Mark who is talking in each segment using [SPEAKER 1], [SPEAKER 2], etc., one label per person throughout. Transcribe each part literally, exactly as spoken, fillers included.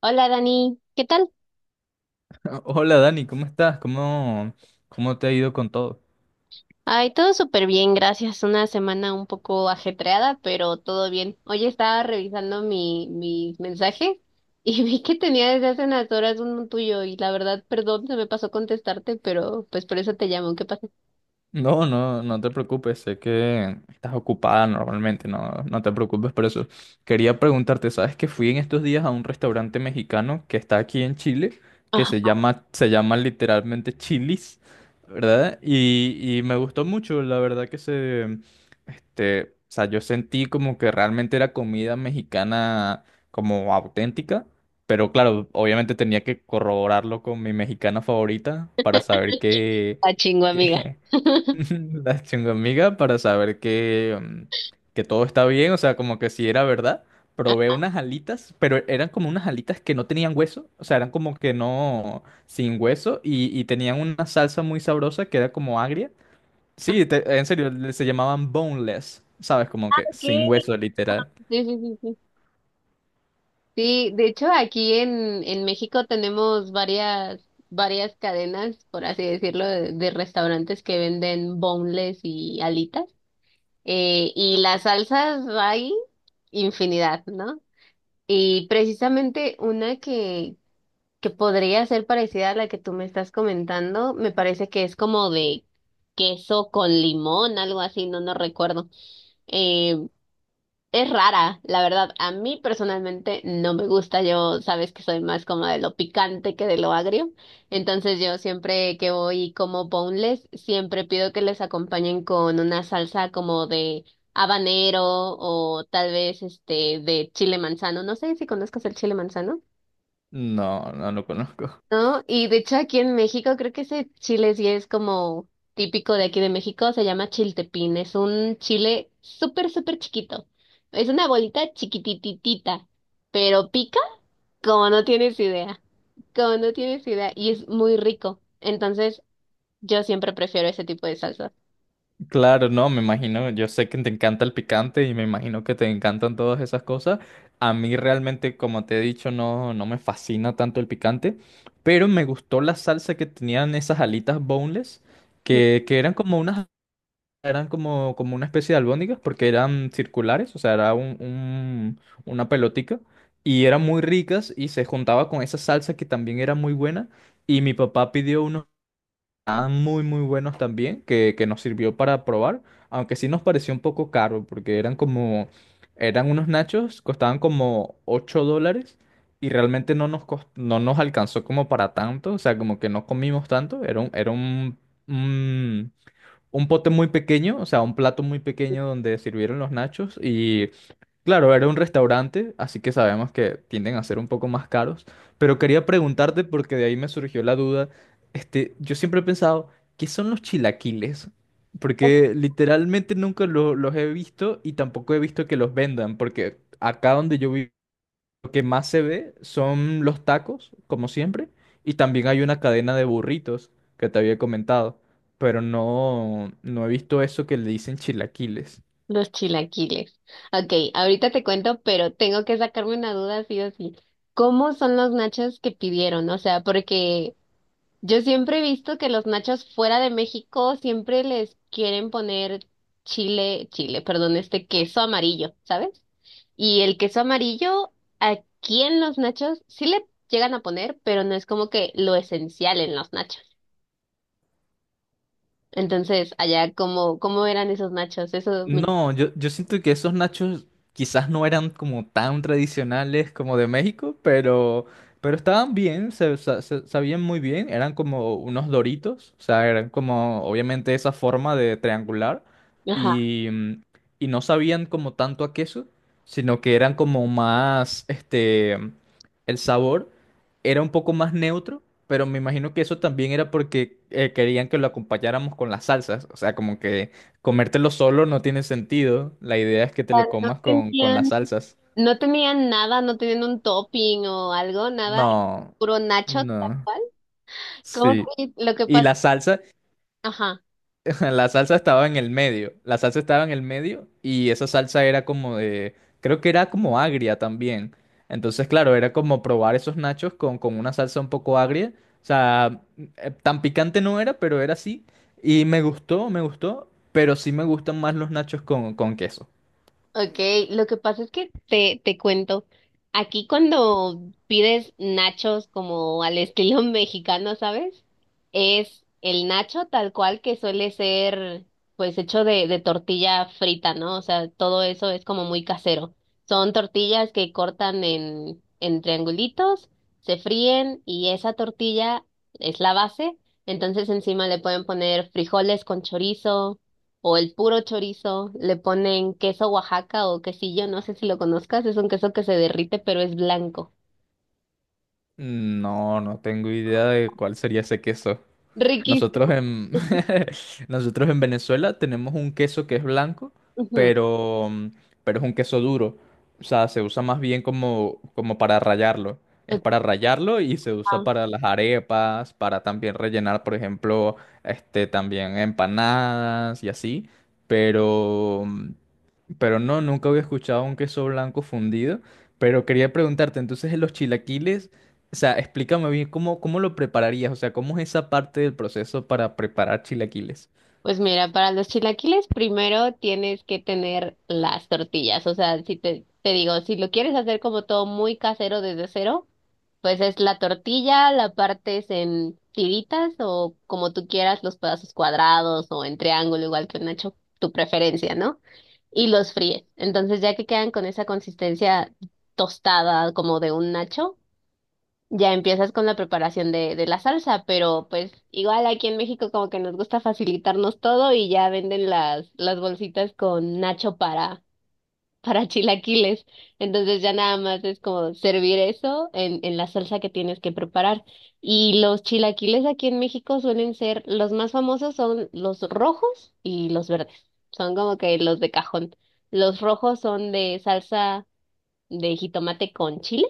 [SPEAKER 1] Hola Dani, ¿qué tal?
[SPEAKER 2] Hola Dani, ¿cómo estás? ¿Cómo, cómo te ha ido con todo?
[SPEAKER 1] Ay, todo súper bien, gracias. Una semana un poco ajetreada, pero todo bien. Hoy estaba revisando mi, mis mensajes y vi que tenía desde hace unas horas uno tuyo y la verdad, perdón, se me pasó contestarte, pero pues por eso te llamo. ¿Qué pasa?
[SPEAKER 2] No, no, no te preocupes, sé que estás ocupada normalmente, no, no te preocupes por eso. Quería preguntarte, ¿sabes que fui en estos días a un restaurante mexicano que está aquí en Chile, que
[SPEAKER 1] Ah,
[SPEAKER 2] se llama, se llama literalmente Chili's, ¿verdad? Y, y me gustó mucho, la verdad que se, este, o sea, yo sentí como que realmente era comida mexicana como auténtica. Pero claro, obviamente tenía que corroborarlo con mi mexicana favorita para saber que,
[SPEAKER 1] ah, chingo, amiga.
[SPEAKER 2] que La chungomiga para saber que, mm, que todo está bien, o sea, como que si era verdad. Probé unas alitas, pero eran como unas alitas que no tenían hueso, o sea, eran como que no, sin hueso, y, y tenían una salsa muy sabrosa que era como agria.
[SPEAKER 1] Ah,
[SPEAKER 2] Sí, te- en serio, le- se llamaban boneless, ¿sabes? Como que
[SPEAKER 1] ok,
[SPEAKER 2] sin
[SPEAKER 1] sí,
[SPEAKER 2] hueso, literal.
[SPEAKER 1] sí, sí, sí. Sí, de hecho aquí en, en México tenemos varias, varias cadenas, por así decirlo, de, de restaurantes que venden boneless y alitas. Eh, y las salsas hay infinidad, ¿no? Y precisamente una que, que podría ser parecida a la que tú me estás comentando, me parece que es como de queso con limón, algo así, no, no recuerdo. Eh, es rara, la verdad. A mí personalmente no me gusta. Yo sabes que soy más como de lo picante que de lo agrio. Entonces yo siempre que voy y como boneless, siempre pido que les acompañen con una salsa como de habanero o tal vez este de chile manzano. No sé si conozcas el chile manzano.
[SPEAKER 2] No, no lo conozco.
[SPEAKER 1] ¿No? Y de hecho aquí en México creo que ese chile sí es como típico de aquí de México, se llama chiltepín, es un chile súper, súper chiquito, es una bolita chiquitititita, pero pica como no tienes idea, como no tienes idea, y es muy rico, entonces yo siempre prefiero ese tipo de salsas.
[SPEAKER 2] Claro, no, me imagino, yo sé que te encanta el picante y me imagino que te encantan todas esas cosas. A mí realmente, como te he dicho, no, no me fascina tanto el picante, pero me gustó la salsa que tenían esas alitas boneless, que, que eran como unas, eran como, como una especie de albóndigas, porque eran circulares, o sea, era un, un- una pelotica, y eran muy ricas y se juntaba con esa salsa que también era muy buena. Y mi papá pidió unos estaban muy muy buenos también, que, que nos sirvió para probar, aunque sí nos pareció un poco caro, porque eran como, eran unos nachos, costaban como ocho dólares y realmente no nos, cos- no nos alcanzó como para tanto, o sea, como que no comimos tanto, era un, era un, un, un pote muy pequeño, o sea, un plato muy pequeño donde sirvieron los nachos. Claro, era un restaurante, así que sabemos que tienden a ser un poco más caros, pero quería preguntarte porque de ahí me surgió la duda. Este, yo siempre he pensado, ¿qué son los chilaquiles? Porque literalmente nunca lo- los he visto y tampoco he visto que los vendan, porque acá donde yo vivo, lo que más se ve son los tacos, como siempre, y también hay una cadena de burritos que te había comentado, pero no, no he visto eso que le dicen chilaquiles.
[SPEAKER 1] Los chilaquiles. Ok, ahorita te cuento, pero tengo que sacarme una duda sí o sí. ¿Cómo son los nachos que pidieron? O sea, porque yo siempre he visto que los nachos fuera de México siempre les quieren poner chile, chile, perdón, este queso amarillo, ¿sabes? Y el queso amarillo aquí en los nachos sí le llegan a poner, pero no es como que lo esencial en los nachos. Entonces, allá, ¿cómo, ¿cómo eran esos nachos? Eso me...
[SPEAKER 2] No, yo, yo siento que esos nachos quizás no eran como tan tradicionales como de México, pero, pero estaban bien, se, sa- se- sabían muy bien, eran como unos doritos, o sea, eran como obviamente esa forma de triangular
[SPEAKER 1] Ajá.
[SPEAKER 2] y, mm, y no sabían como tanto a queso, sino que eran como más, este, el sabor era un poco más neutro, pero me imagino que eso también era porque eh, querían que lo acompañáramos con las salsas, o sea, como que... Comértelo solo no tiene sentido. La idea es que te
[SPEAKER 1] Ah,
[SPEAKER 2] lo
[SPEAKER 1] No
[SPEAKER 2] comas con, con las
[SPEAKER 1] tenían,
[SPEAKER 2] salsas.
[SPEAKER 1] no tenían nada, no tenían un topping o algo, nada,
[SPEAKER 2] No,
[SPEAKER 1] puro nacho tal
[SPEAKER 2] no,
[SPEAKER 1] cual. ¿Como
[SPEAKER 2] sí.
[SPEAKER 1] que lo que
[SPEAKER 2] Y
[SPEAKER 1] pasa?
[SPEAKER 2] la salsa,
[SPEAKER 1] Ajá.
[SPEAKER 2] la salsa estaba en el medio. La salsa estaba en el medio y esa salsa era como de, creo que era como agria también. Entonces, claro, era como probar esos nachos con, con una salsa un poco agria. O sea, eh, tan picante no era, pero era así. Y me gustó, me gustó, pero sí me gustan más los nachos con, con queso.
[SPEAKER 1] Okay, lo que pasa es que te, te cuento, aquí cuando pides nachos como al estilo mexicano, ¿sabes? Es el nacho tal cual, que suele ser pues hecho de, de tortilla frita, ¿no? O sea, todo eso es como muy casero. Son tortillas que cortan en, en triangulitos, se fríen y esa tortilla es la base. Entonces encima le pueden poner frijoles con chorizo o el puro chorizo, le ponen queso Oaxaca o quesillo, no sé si lo conozcas, es un queso que se derrite pero es blanco.
[SPEAKER 2] No, no tengo idea de cuál sería ese queso. Nosotros
[SPEAKER 1] Riquísimo.
[SPEAKER 2] en, nosotros en Venezuela tenemos un queso que es blanco, pero, mm, pero es un queso duro. O sea, se usa más bien como, como para rallarlo. Es
[SPEAKER 1] Ujú.
[SPEAKER 2] para rallarlo y se usa para las arepas, para también rellenar, por ejemplo, este, también empanadas y así. Pero, mm, pero no, nunca había escuchado un queso blanco fundido. Pero quería preguntarte, entonces los chilaquiles, o sea, explícame bien cómo, cómo lo prepararías, o sea, cómo es esa parte del proceso para preparar chilaquiles.
[SPEAKER 1] Pues mira, para los chilaquiles primero tienes que tener las tortillas, o sea, si te, te digo, si lo quieres hacer como todo muy casero desde cero, pues es la tortilla, la partes en tiritas o como tú quieras, los pedazos cuadrados o en triángulo, igual que nacho, tu preferencia, ¿no? Y los fríes. Entonces ya que quedan con esa consistencia tostada como de un nacho, ya empiezas con la preparación de, de la salsa, pero pues igual aquí en México como que nos gusta facilitarnos todo y ya venden las, las bolsitas con nacho para, para chilaquiles. Entonces ya nada más es como servir eso en, en la salsa que tienes que preparar. Y los chilaquiles aquí en México suelen ser, los más famosos son los rojos y los verdes. Son como que los de cajón. Los rojos son de salsa de jitomate con chile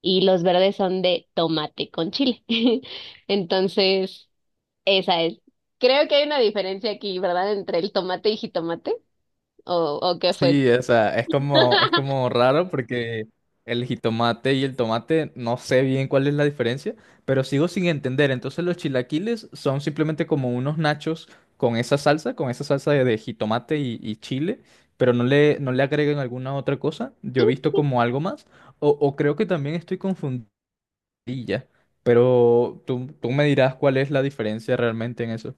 [SPEAKER 1] y los verdes son de tomate con chile. Entonces, esa es. Creo que hay una diferencia aquí, ¿verdad? Entre el tomate y jitomate, o, o qué fue.
[SPEAKER 2] Sí, o sea, es como, es como raro porque el jitomate y el tomate no sé bien cuál es la diferencia, pero sigo sin entender. Entonces los chilaquiles son simplemente como unos nachos con esa salsa, con esa salsa de, de jitomate y, y chile, pero no le, no le agregan alguna otra cosa. Yo he visto como algo más, o, o creo que también estoy confundida, pero tú, tú me dirás cuál es la diferencia realmente en eso.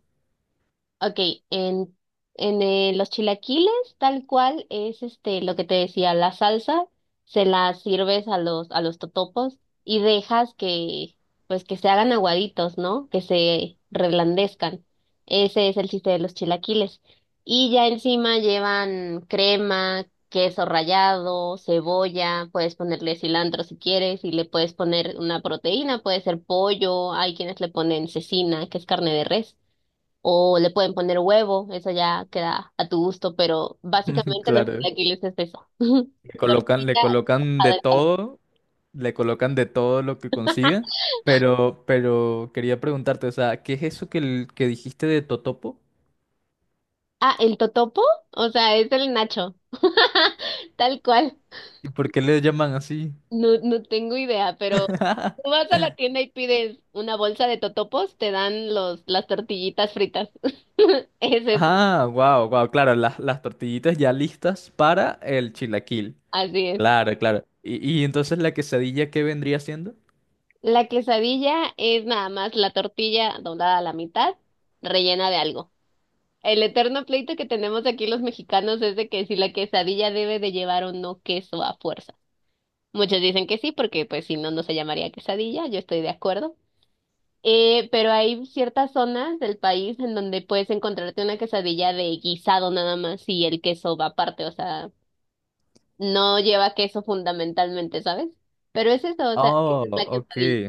[SPEAKER 1] Ok, en, en eh, los chilaquiles, tal cual es este lo que te decía, la salsa se la sirves a los a los totopos y dejas que pues que se hagan aguaditos, ¿no? Que se reblandezcan. Ese es el chiste de los chilaquiles. Y ya encima llevan crema, queso rallado, cebolla, puedes ponerle cilantro si quieres y le puedes poner una proteína, puede ser pollo, hay quienes le ponen cecina, que es carne de res. O le pueden poner huevo, eso ya queda a tu gusto, pero básicamente los
[SPEAKER 2] Claro,
[SPEAKER 1] chilaquiles es eso.
[SPEAKER 2] le colocan, le
[SPEAKER 1] Tortilla
[SPEAKER 2] colocan
[SPEAKER 1] trabajada
[SPEAKER 2] de
[SPEAKER 1] en pan.
[SPEAKER 2] todo, le colocan de todo lo que consiga, pero, pero quería preguntarte, o sea, ¿qué es eso que, el- que dijiste de Totopo?
[SPEAKER 1] Ah, el totopo, o sea, es el nacho. Tal cual.
[SPEAKER 2] ¿Y por qué le llaman así?
[SPEAKER 1] No, no tengo idea, pero tú vas a la tienda y pides una bolsa de totopos, te dan los, las tortillitas fritas. Es eso,
[SPEAKER 2] Ah, wow, wow, claro, las, las tortillitas ya listas para el chilaquil.
[SPEAKER 1] así es.
[SPEAKER 2] Claro, claro. ¿Y, y entonces la quesadilla qué vendría siendo?
[SPEAKER 1] La quesadilla es nada más la tortilla doblada a la mitad, rellena de algo. El eterno pleito que tenemos aquí los mexicanos es de que si la quesadilla debe de llevar o no queso a fuerza. Muchos dicen que sí, porque pues si no, no se llamaría quesadilla, yo estoy de acuerdo. Eh, pero hay ciertas zonas del país en donde puedes encontrarte una quesadilla de guisado nada más y el queso va aparte, o sea, no lleva queso fundamentalmente, ¿sabes? Pero es eso, o sea,
[SPEAKER 2] Oh,
[SPEAKER 1] esa es la
[SPEAKER 2] ok,
[SPEAKER 1] quesadilla.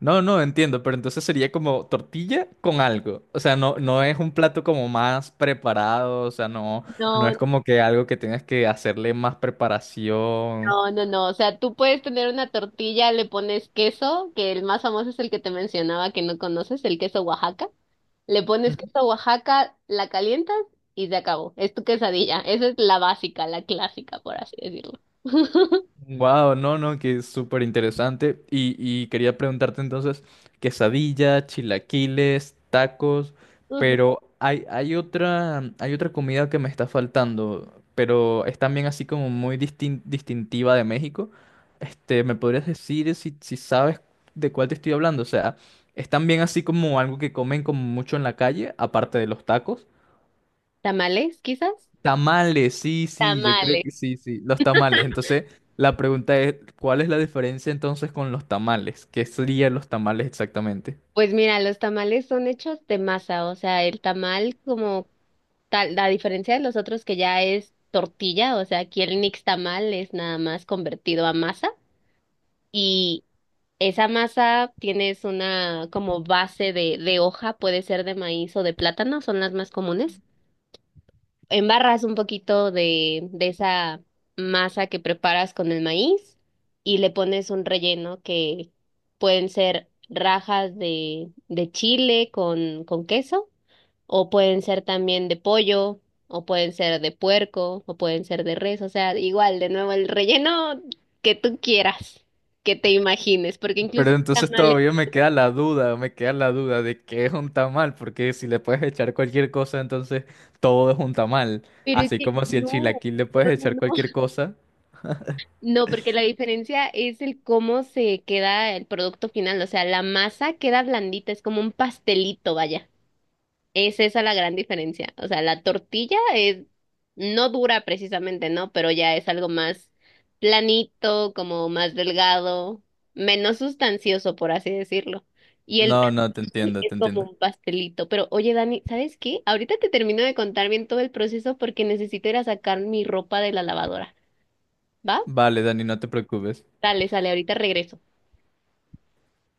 [SPEAKER 2] no, no, entiendo, pero entonces sería como tortilla con algo. O sea, no, no es un plato como más preparado, o sea, no, no es
[SPEAKER 1] No,
[SPEAKER 2] como que algo que tienes que hacerle más preparación.
[SPEAKER 1] no, no, no. O sea, tú puedes tener una tortilla, le pones queso, que el más famoso es el que te mencionaba que no conoces, el queso Oaxaca. Le pones queso Oaxaca, la calientas y se acabó. Es tu quesadilla. Esa es la básica, la clásica, por así decirlo.
[SPEAKER 2] Wow, no, no, que es súper interesante. Y, y quería preguntarte entonces, quesadilla, chilaquiles, tacos,
[SPEAKER 1] Ujú.
[SPEAKER 2] pero hay, hay otra, hay otra comida que me está faltando, pero es también así como muy distin- distintiva de México. Este, ¿me podrías decir si, si sabes de cuál te estoy hablando? O sea, es también así como algo que comen como mucho en la calle, aparte de los tacos.
[SPEAKER 1] ¿Tamales, quizás?
[SPEAKER 2] Tamales, sí, sí, yo creo que
[SPEAKER 1] Tamales.
[SPEAKER 2] sí, sí, los tamales. Entonces, la pregunta es, ¿cuál es la diferencia entonces con los tamales? ¿Qué serían los tamales exactamente?
[SPEAKER 1] Pues mira, los tamales son hechos de masa, o sea, el tamal como tal, la diferencia de los otros que ya es tortilla, o sea, aquí el nixtamal es nada más convertido a masa. Y esa masa tienes una como base de, de hoja, puede ser de maíz o de plátano, son las más comunes. Embarras un poquito de, de esa masa que preparas con el maíz y le pones un relleno que pueden ser rajas de, de chile con, con queso o pueden ser también de pollo o pueden ser de puerco o pueden ser de res, o sea, igual, de nuevo, el relleno que tú quieras, que te imagines, porque
[SPEAKER 2] Pero
[SPEAKER 1] incluso...
[SPEAKER 2] entonces
[SPEAKER 1] tamales.
[SPEAKER 2] todavía me queda la duda, me queda la duda de qué es un tamal, porque si le puedes echar cualquier cosa, entonces todo es un tamal.
[SPEAKER 1] Pero es
[SPEAKER 2] Así
[SPEAKER 1] que
[SPEAKER 2] como si el
[SPEAKER 1] no,
[SPEAKER 2] chilaquil le puedes
[SPEAKER 1] no, no,
[SPEAKER 2] echar
[SPEAKER 1] no,
[SPEAKER 2] cualquier cosa.
[SPEAKER 1] no, porque la diferencia es el cómo se queda el producto final, o sea, la masa queda blandita, es como un pastelito, vaya. Es esa la gran diferencia. O sea, la tortilla es no dura precisamente, ¿no? Pero ya es algo más planito, como más delgado, menos sustancioso, por así decirlo. Y el
[SPEAKER 2] No, no, te entiendo,
[SPEAKER 1] es
[SPEAKER 2] te
[SPEAKER 1] como
[SPEAKER 2] entiendo.
[SPEAKER 1] un pastelito. Pero oye, Dani, ¿sabes qué? Ahorita te termino de contar bien todo el proceso porque necesito ir a sacar mi ropa de la lavadora. ¿Va?
[SPEAKER 2] Vale, Dani, no te preocupes.
[SPEAKER 1] Dale, sale, ahorita regreso.